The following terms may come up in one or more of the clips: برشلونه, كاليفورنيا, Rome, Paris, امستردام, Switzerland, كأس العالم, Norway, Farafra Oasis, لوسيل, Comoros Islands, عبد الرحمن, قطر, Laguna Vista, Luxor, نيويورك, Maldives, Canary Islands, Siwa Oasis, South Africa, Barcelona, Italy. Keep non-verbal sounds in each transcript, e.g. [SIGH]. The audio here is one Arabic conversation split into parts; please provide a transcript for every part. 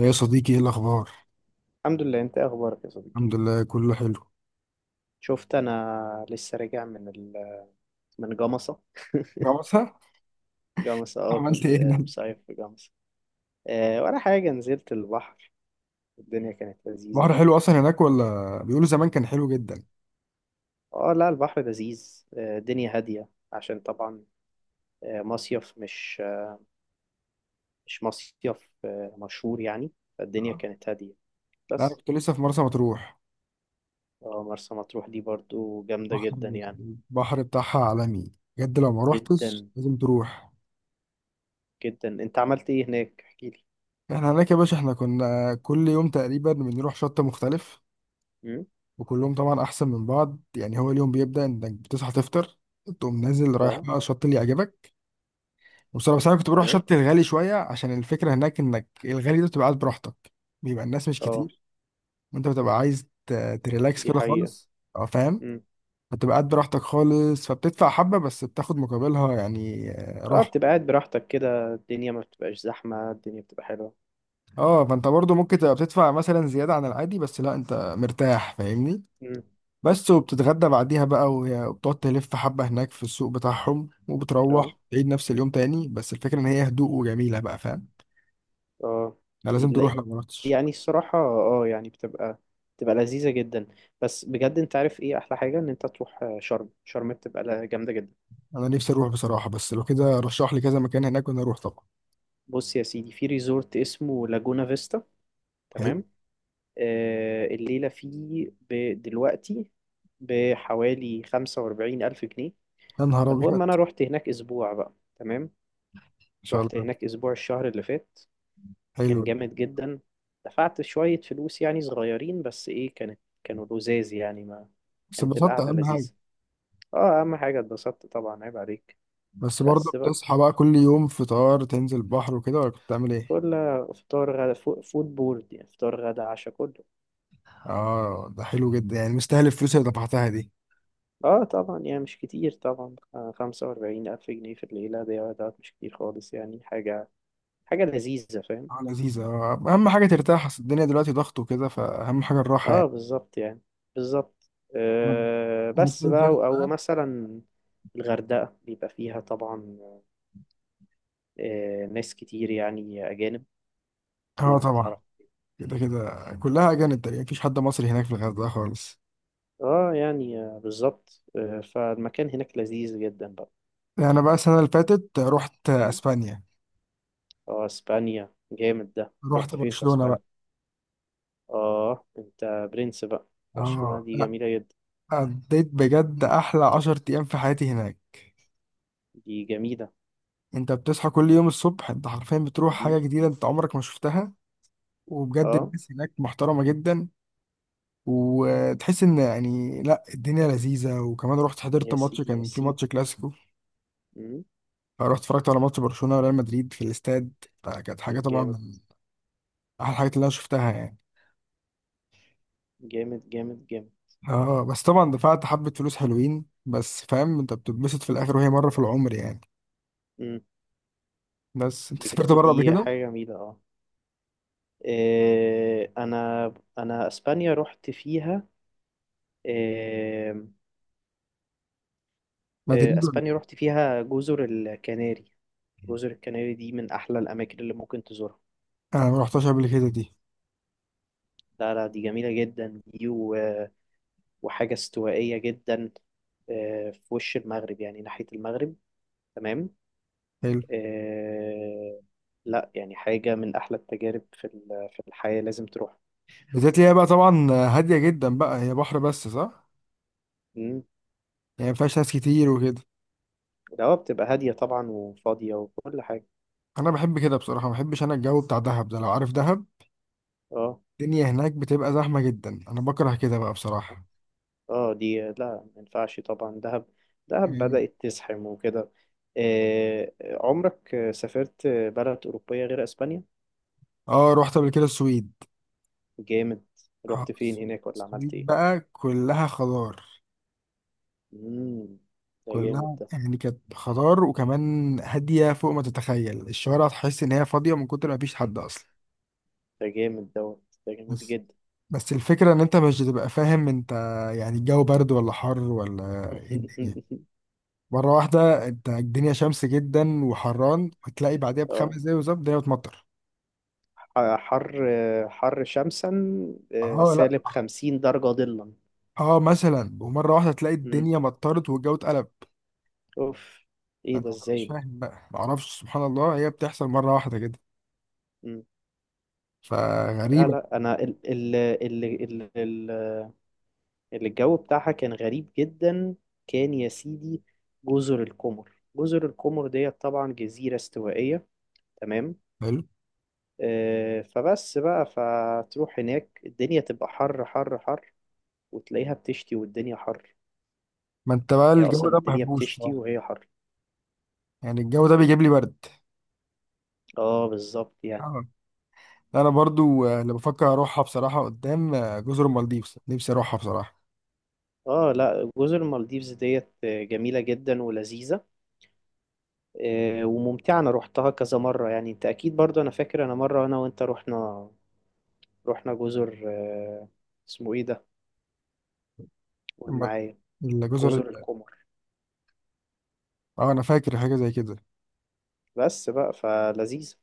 يا صديقي، ايه الاخبار؟ الحمد لله، انت ايه اخبارك يا صديقي؟ الحمد لله، كله حلو. شفت، انا لسه راجع من من جمصة. [LAUGHS] جوازها. جمصة، عملت ايه كنت هناك؟ [LAUGHS] مصيف في جمصة. ولا حاجة، نزلت البحر، الدنيا كانت بحر لذيذة. حلو اصلا هناك ولا؟ بيقولوا زمان كان حلو جدا. اه لا، البحر لذيذ، الدنيا هادية عشان طبعا مصيف، مش مصيف، مشهور يعني، فالدنيا آه. كانت هادية لا، انا بس. كنت لسه في مرسى مطروح. اه مرسى مطروح دي برضو جامدة البحر جدا يعني، البحر بتاعها عالمي. بجد لو ما روحتش جدا لازم تروح. جدا. انت عملت ايه هناك احكيلي؟ احنا هناك يا باشا، احنا كنا كل يوم تقريبا بنروح شط مختلف، امم وكلهم طبعا احسن من بعض. يعني هو اليوم بيبدأ انك بتصحى تفطر، تقوم نازل رايح اه، بقى الشط اللي يعجبك. بصراحة بس انا كنت بروح ايوه، شط الغالي شوية، عشان الفكرة هناك انك الغالي ده بتبقى قاعد براحتك، بيبقى الناس مش اه، كتير. انت بتبقى عايز تريلاكس دي كده حقيقة. خالص. اه فاهم. بتبقى قاعد براحتك خالص، فبتدفع حبة بس بتاخد مقابلها يعني اه، راحة. بتبقى قاعد براحتك كده، الدنيا ما بتبقاش زحمة، الدنيا بتبقى حلوة. اه فانت برضو ممكن تبقى بتدفع مثلا زيادة عن العادي، بس لا انت مرتاح فاهمني. مم. بس وبتتغدى بعديها بقى، وبتقعد تلف حبة هناك في السوق بتاعهم، اه، وبتروح تعيد نفس اليوم تاني، بس الفكرة ان هي هدوء وجميلة بقى فاهم. اه، انا لازم تروح ال- لو ما رحتش. يعني الصراحة، يعني بتبقى لذيذة جدا. بس بجد انت عارف ايه احلى حاجة؟ ان انت تروح شرم، شرم بتبقى جامدة جدا. انا نفسي اروح بصراحة، بس لو كده رشح لي كذا مكان هناك وانا اروح طبعا. بص يا سيدي، في ريزورت اسمه لاجونا فيستا، حلو. تمام. آه، الليلة فيه دلوقتي بحوالي 45,000 جنيه. يا نهار ابيض، ان فالمهم أنا رحت هناك أسبوع بقى، تمام. شاء رحت الله. هناك أسبوع الشهر اللي فات، كان حلو. جامد جدا. دفعت شوية فلوس يعني صغيرين، بس ايه، كانوا لذاذ يعني ما، بس كانت انبسطت القعدة اهم حاجة. لذيذة. اه، اهم حاجة اتبسطت طبعا، عيب عليك. بس برضه بس بقى، بتصحى بقى كل يوم فطار تنزل البحر وكده، ولا كنت بتعمل ايه؟ كل فطار، غدا، فود بورد، يعني فطار، غدا، عشاء، كله. اه ده حلو جدا، يعني مستاهل الفلوس اللي دفعتها دي. اه طبعا يعني، مش كتير طبعا، 45,000 جنيه في الليلة، ده مش كتير خالص يعني. حاجة لذيذة، فاهم. اه لذيذة. اهم حاجة ترتاح، اصل الدنيا دلوقتي ضغط وكده فاهم، حاجة الراحة اه، يعني. بالظبط يعني، بالظبط. طب آه، انا بس السنة اللي بقى، فاتت أو بقى. مثلا الغردقة بيبقى فيها طبعا ناس كتير يعني أجانب، اه تروح تعرف. طبعا. كده كده كلها اجانب تقريبا، مفيش حد مصري هناك في الغردقة خالص. اه يعني بالظبط، فالمكان هناك لذيذ جدا بقى. انا بقى السنة اللي فاتت رحت مم. اسبانيا. اه، اسبانيا جامد ده، رحت رحت فين في برشلونة بقى. اسبانيا؟ اه، انت برنس بقى، برشلونة اه دي لا، جميلة جدا، قضيت بجد احلى 10 ايام في حياتي هناك. دي جميلة. انت بتصحى كل يوم الصبح، انت حرفيا بتروح حاجة مم. جديدة انت عمرك ما شفتها. وبجد اه، الناس هناك محترمة جدا، وتحس ان يعني لا الدنيا لذيذة. وكمان رحت حضرت يا ماتش، سيدي، يا كان في ماتش سيدي. كلاسيكو. مم. رحت اتفرجت على ماتش برشلونة وريال مدريد في الاستاد، فكانت حاجة طبعا جامد، من احلى الحاجات اللي انا شفتها يعني. جامد، جامد، جامد. اه بس طبعا دفعت حبة فلوس حلوين، بس فاهم انت بتتبسط في الاخر، وهي مرة في العمر يعني. مم. بس انت سافرت بجد بره قبل دي كده؟ حاجة جميلة، اه، إيه، انا اسبانيا رحت فيها، مدريد ولا اسبانيا ايه؟ رحت فيها جزر الكناري. جزر الكناري دي من احلى الاماكن اللي ممكن تزورها. انا ما رحتش قبل كده دي. لا لا، دي جميله جدا دي وحاجه استوائيه جدا، في وش المغرب يعني، ناحيه المغرب، تمام. حلو. آه، لا يعني، حاجه من احلى التجارب في في الحياه، لازم تروح. بالذات هي بقى طبعا هادية جدا بقى، هي بحر بس صح؟ مم. يعني ما فيهاش ناس كتير وكده. ده بتبقى هاديه طبعا، وفاضيه، وكل حاجه. أنا بحب كده بصراحة، ما بحبش أنا الجو بتاع دهب ده، لو عارف دهب. اه، الدنيا هناك بتبقى زحمة جدا، أنا بكره كده بقى بصراحة اه، دي لا، ما ينفعش طبعا دهب، دهب يعني. بدأت تزحم وكده. عمرك سافرت بلد أوروبية غير أسبانيا؟ اه رحت قبل كده السويد. جامد، آه، رحت فين الس- هناك ولا عملت السويد إيه؟ بقى كلها خضار. مم. ده جامد كلها ده، يعني كانت خضار، وكمان هادية فوق ما تتخيل. الشوارع تحس إن هي فاضية من كتر ما فيش حد أصلا. ده جامد دوت، ده جميل بس جدا. بس الفكرة إن أنت مش بتبقى فاهم أنت يعني الجو برد ولا حر ولا إيه الدنيا. [LAUGHS] مرة واحدة انت الدنيا شمس جدا وحران، وتلاقي بعدها اه، بـ5 دقايق بالظبط الدنيا بتمطر. حر، حر شمسا، اه لا. -50 درجة ظلا. اه مثلا، ومرة واحدة تلاقي مم. الدنيا مطرت والجو اتقلب. اوف، ايه فانت ده؟ ما تبقاش ازاي ده؟ فاهم بقى، معرفش سبحان الله هي بتحصل مرة واحدة كده، مم. لا فغريبة. لا، انا ال ال اللي الجو بتاعها كان غريب جدا. كان يا سيدي، جزر القمر، جزر القمر ديت طبعا جزيرة استوائية، تمام. حلو. فبس بقى، فتروح هناك، الدنيا تبقى حر، حر، حر، وتلاقيها بتشتي والدنيا حر. ما انت بقى هي الجو أصلا ده ما الدنيا بحبوش بتشتي بصراحة، وهي حر. يعني الجو ده بيجيب لي برد. اه، بالظبط يعني. آه. انا برضو اللي بفكر اروحها بصراحة قدام جزر المالديفز، نفسي اروحها بصراحة. اه لا، جزر المالديفز ديت جميلة جدا ولذيذة، وممتعة، انا روحتها كذا مرة يعني. انت اكيد برضو، انا فاكر، انا مرة انا وانت رحنا جزر اسمه ايه ده؟ قول الم- معايا، الجزر جزر ال- القمر. اه انا فاكر حاجة زي كده. بس بقى، فلذيذة.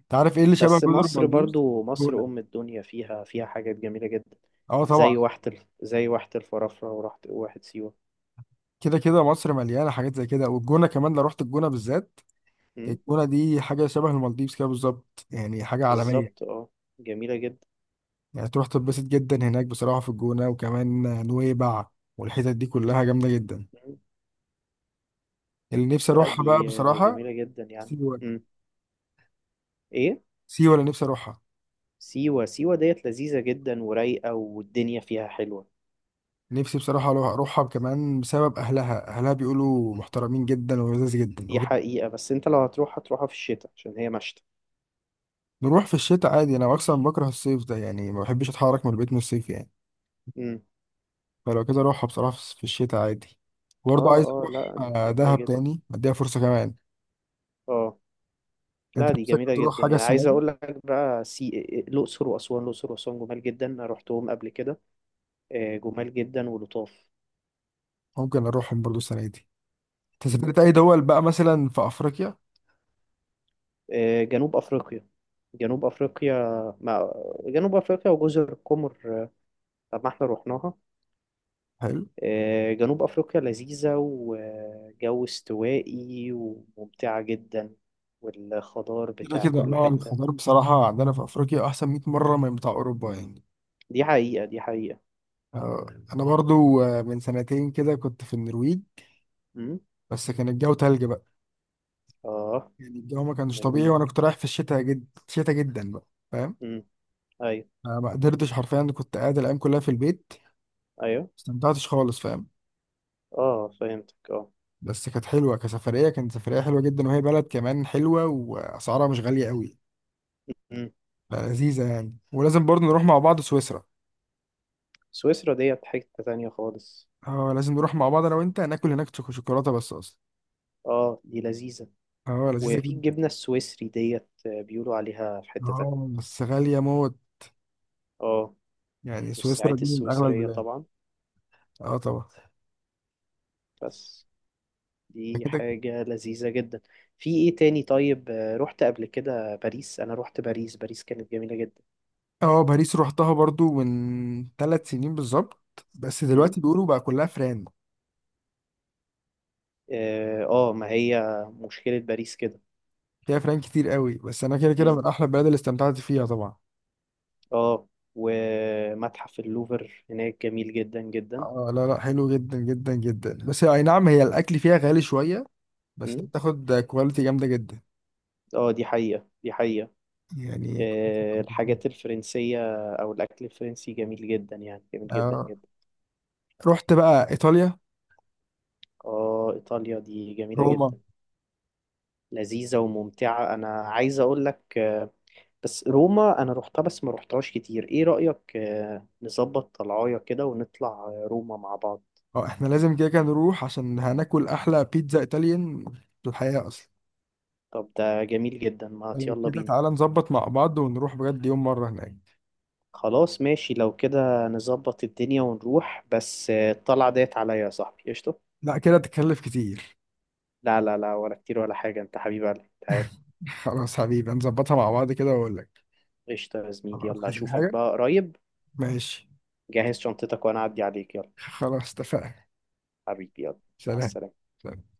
انت عارف ايه اللي شبه بس جزر مصر المالديفز؟ برضو، مصر جونة. أم الدنيا، فيها حاجات جميلة جدا، اه طبعا. زي واحة زي واحة الفرافرة، وراحة، واحة سيوة. كده كده مصر مليانه حاجات زي كده، والجونه كمان لو رحت الجونه بالذات، أمم، الجونه دي حاجه شبه المالديفز كده بالظبط، يعني حاجه عالميه. بالظبط، اه، جميلة جدا. يعني تروح تتبسط جدا هناك بصراحه في الجونه. وكمان نويبع والحتت دي كلها جامده جدا، أمم، اللي نفسي لا اروحها بقى دي بصراحه. جميلة جدا يعني. سيوه. ايه؟ سيوه اللي نفسي اروحها. سيوة، سيوة ديت لذيذة جدا ورايقة، والدنيا فيها حلوة. نفسي بصراحه اروحها كمان بسبب اهلها، اهلها بيقولوا محترمين جدا ولذيذ جدا دي حقيقة، بس انت لو هتروح هتروحها في الشتاء عشان هي مشتى. نروح في الشتاء عادي، انا اصلا بكره الصيف ده، يعني ما بحبش اتحرك من البيت من الصيف يعني. أمم، فلو كده اروحها بصراحة في الشتاء عادي. برضه اه، عايز اه اروح لا دي جميلة دهب جدا، تاني اديها فرصة كمان. اه لا انت دي نفسك جميلة تروح جدا حاجة يعني، السنة عايز دي؟ أقول لك بقى الأقصر وأسوان، الأقصر وأسوان جمال جدا، أنا رحتهم قبل كده، جمال جدا ولطاف. ممكن اروحهم برضه السنة دي. انت مم. سافرت اي دول بقى مثلا في افريقيا؟ جنوب أفريقيا، جنوب أفريقيا ما... جنوب أفريقيا وجزر القمر، طب ما احنا رحناها. حلو. جنوب أفريقيا لذيذة وجو استوائي وممتعة جدا، والخضار كده بتاع كده كل لا، حتة. الخضار بصراحة عندنا في افريقيا احسن 100 مم. مرة من بتاع اوروبا يعني. دي حقيقة، دي حقيقة. آه، انا برضه من سنتين كده كنت في النرويج. مم. بس كان الجو تلج بقى. آه، يعني الجو ما كانش طبيعي، نرويج. وانا كنت رايح في الشتاء، جد شتاء جدا بقى فاهم. مم. أيوه، ما قدرتش حرفيا، كنت قاعد الايام كلها في البيت، ما أيوه، استمتعتش خالص فاهم. اه فهمتك، اه. بس كانت حلوه كسفريه، كانت سفريه حلوه جدا، وهي بلد كمان حلوه واسعارها مش غاليه قوي، مم. لذيذه يعني. ولازم برضه نروح مع بعض سويسرا. سويسرا ديت حتة تانية خالص. اه لازم نروح مع بعض انا وانت، ناكل هناك شوكولاته بس اصلا. اه دي لذيذة، اه لذيذه وفي جدا. الجبنة السويسري ديت، بيقولوا عليها في حتة تانية. اه بس غاليه موت، اه، يعني سويسرا والساعات دي من اغلى السويسرية البلاد. طبعا، اه طبعا. بس ده دي كده كده. حاجة لذيذة جدا. في ايه تاني طيب؟ رحت قبل كده باريس، انا رحت باريس، باريس كانت جميلة جدا. اه باريس روحتها برضو من 3 سنين بالظبط، بس مم. دلوقتي بيقولوا بقى كلها فران. اه، ما هي مشكلة باريس كده. فيها فران كتير قوي، بس انا كده كده مم. من احلى البلاد اللي استمتعت فيها طبعا. اه، ومتحف اللوفر هناك جميل جدا جدا. اه لا لا، حلو جدا جدا جدا. بس اي نعم هي الاكل فيها غالي شويه، بس انت مم. بتاخد كواليتي جامده جدا اه، دي حقيقة، دي حقيقة. يعني. [LAUGHS] الحاجات الفرنسية أو الأكل الفرنسي جميل جدا يعني، جميل جدا آه. جدا. رحت بقى ايطاليا. آه، إيطاليا دي جميلة روما. جدا، لذيذة وممتعة. أنا عايز أقول لك بس روما، أنا روحتها بس ما روحتهاش كتير. إيه رأيك، نظبط طلعاية كده، ونطلع روما مع بعض. اه احنا لازم كده كده نروح، عشان هناكل احلى بيتزا ايطاليان في الحياه اصلا. طب ده جميل جدا، ما لو يلا كده بينا. تعالى نظبط مع بعض ونروح بجد يوم مره هناك. خلاص ماشي، لو كده نظبط الدنيا ونروح. بس الطلعة ديت عليا يا صاحبي، قشطة. لا كده تكلف كتير. لا لا لا، ولا كتير ولا حاجة، أنت حبيب قلبي، أنت عارف. [LAUGHS] خلاص حبيبي، نظبطها مع بعض كده واقول لك. قشطة يا زميلي، خلاص، يلا عايز أي أشوفك حاجه. بقى قريب. ماشي. جهز شنطتك وانا اعدي عليك، يلا. خلاص اتفقنا. حبيبي، يلا، مع سلام. السلامة. سلام.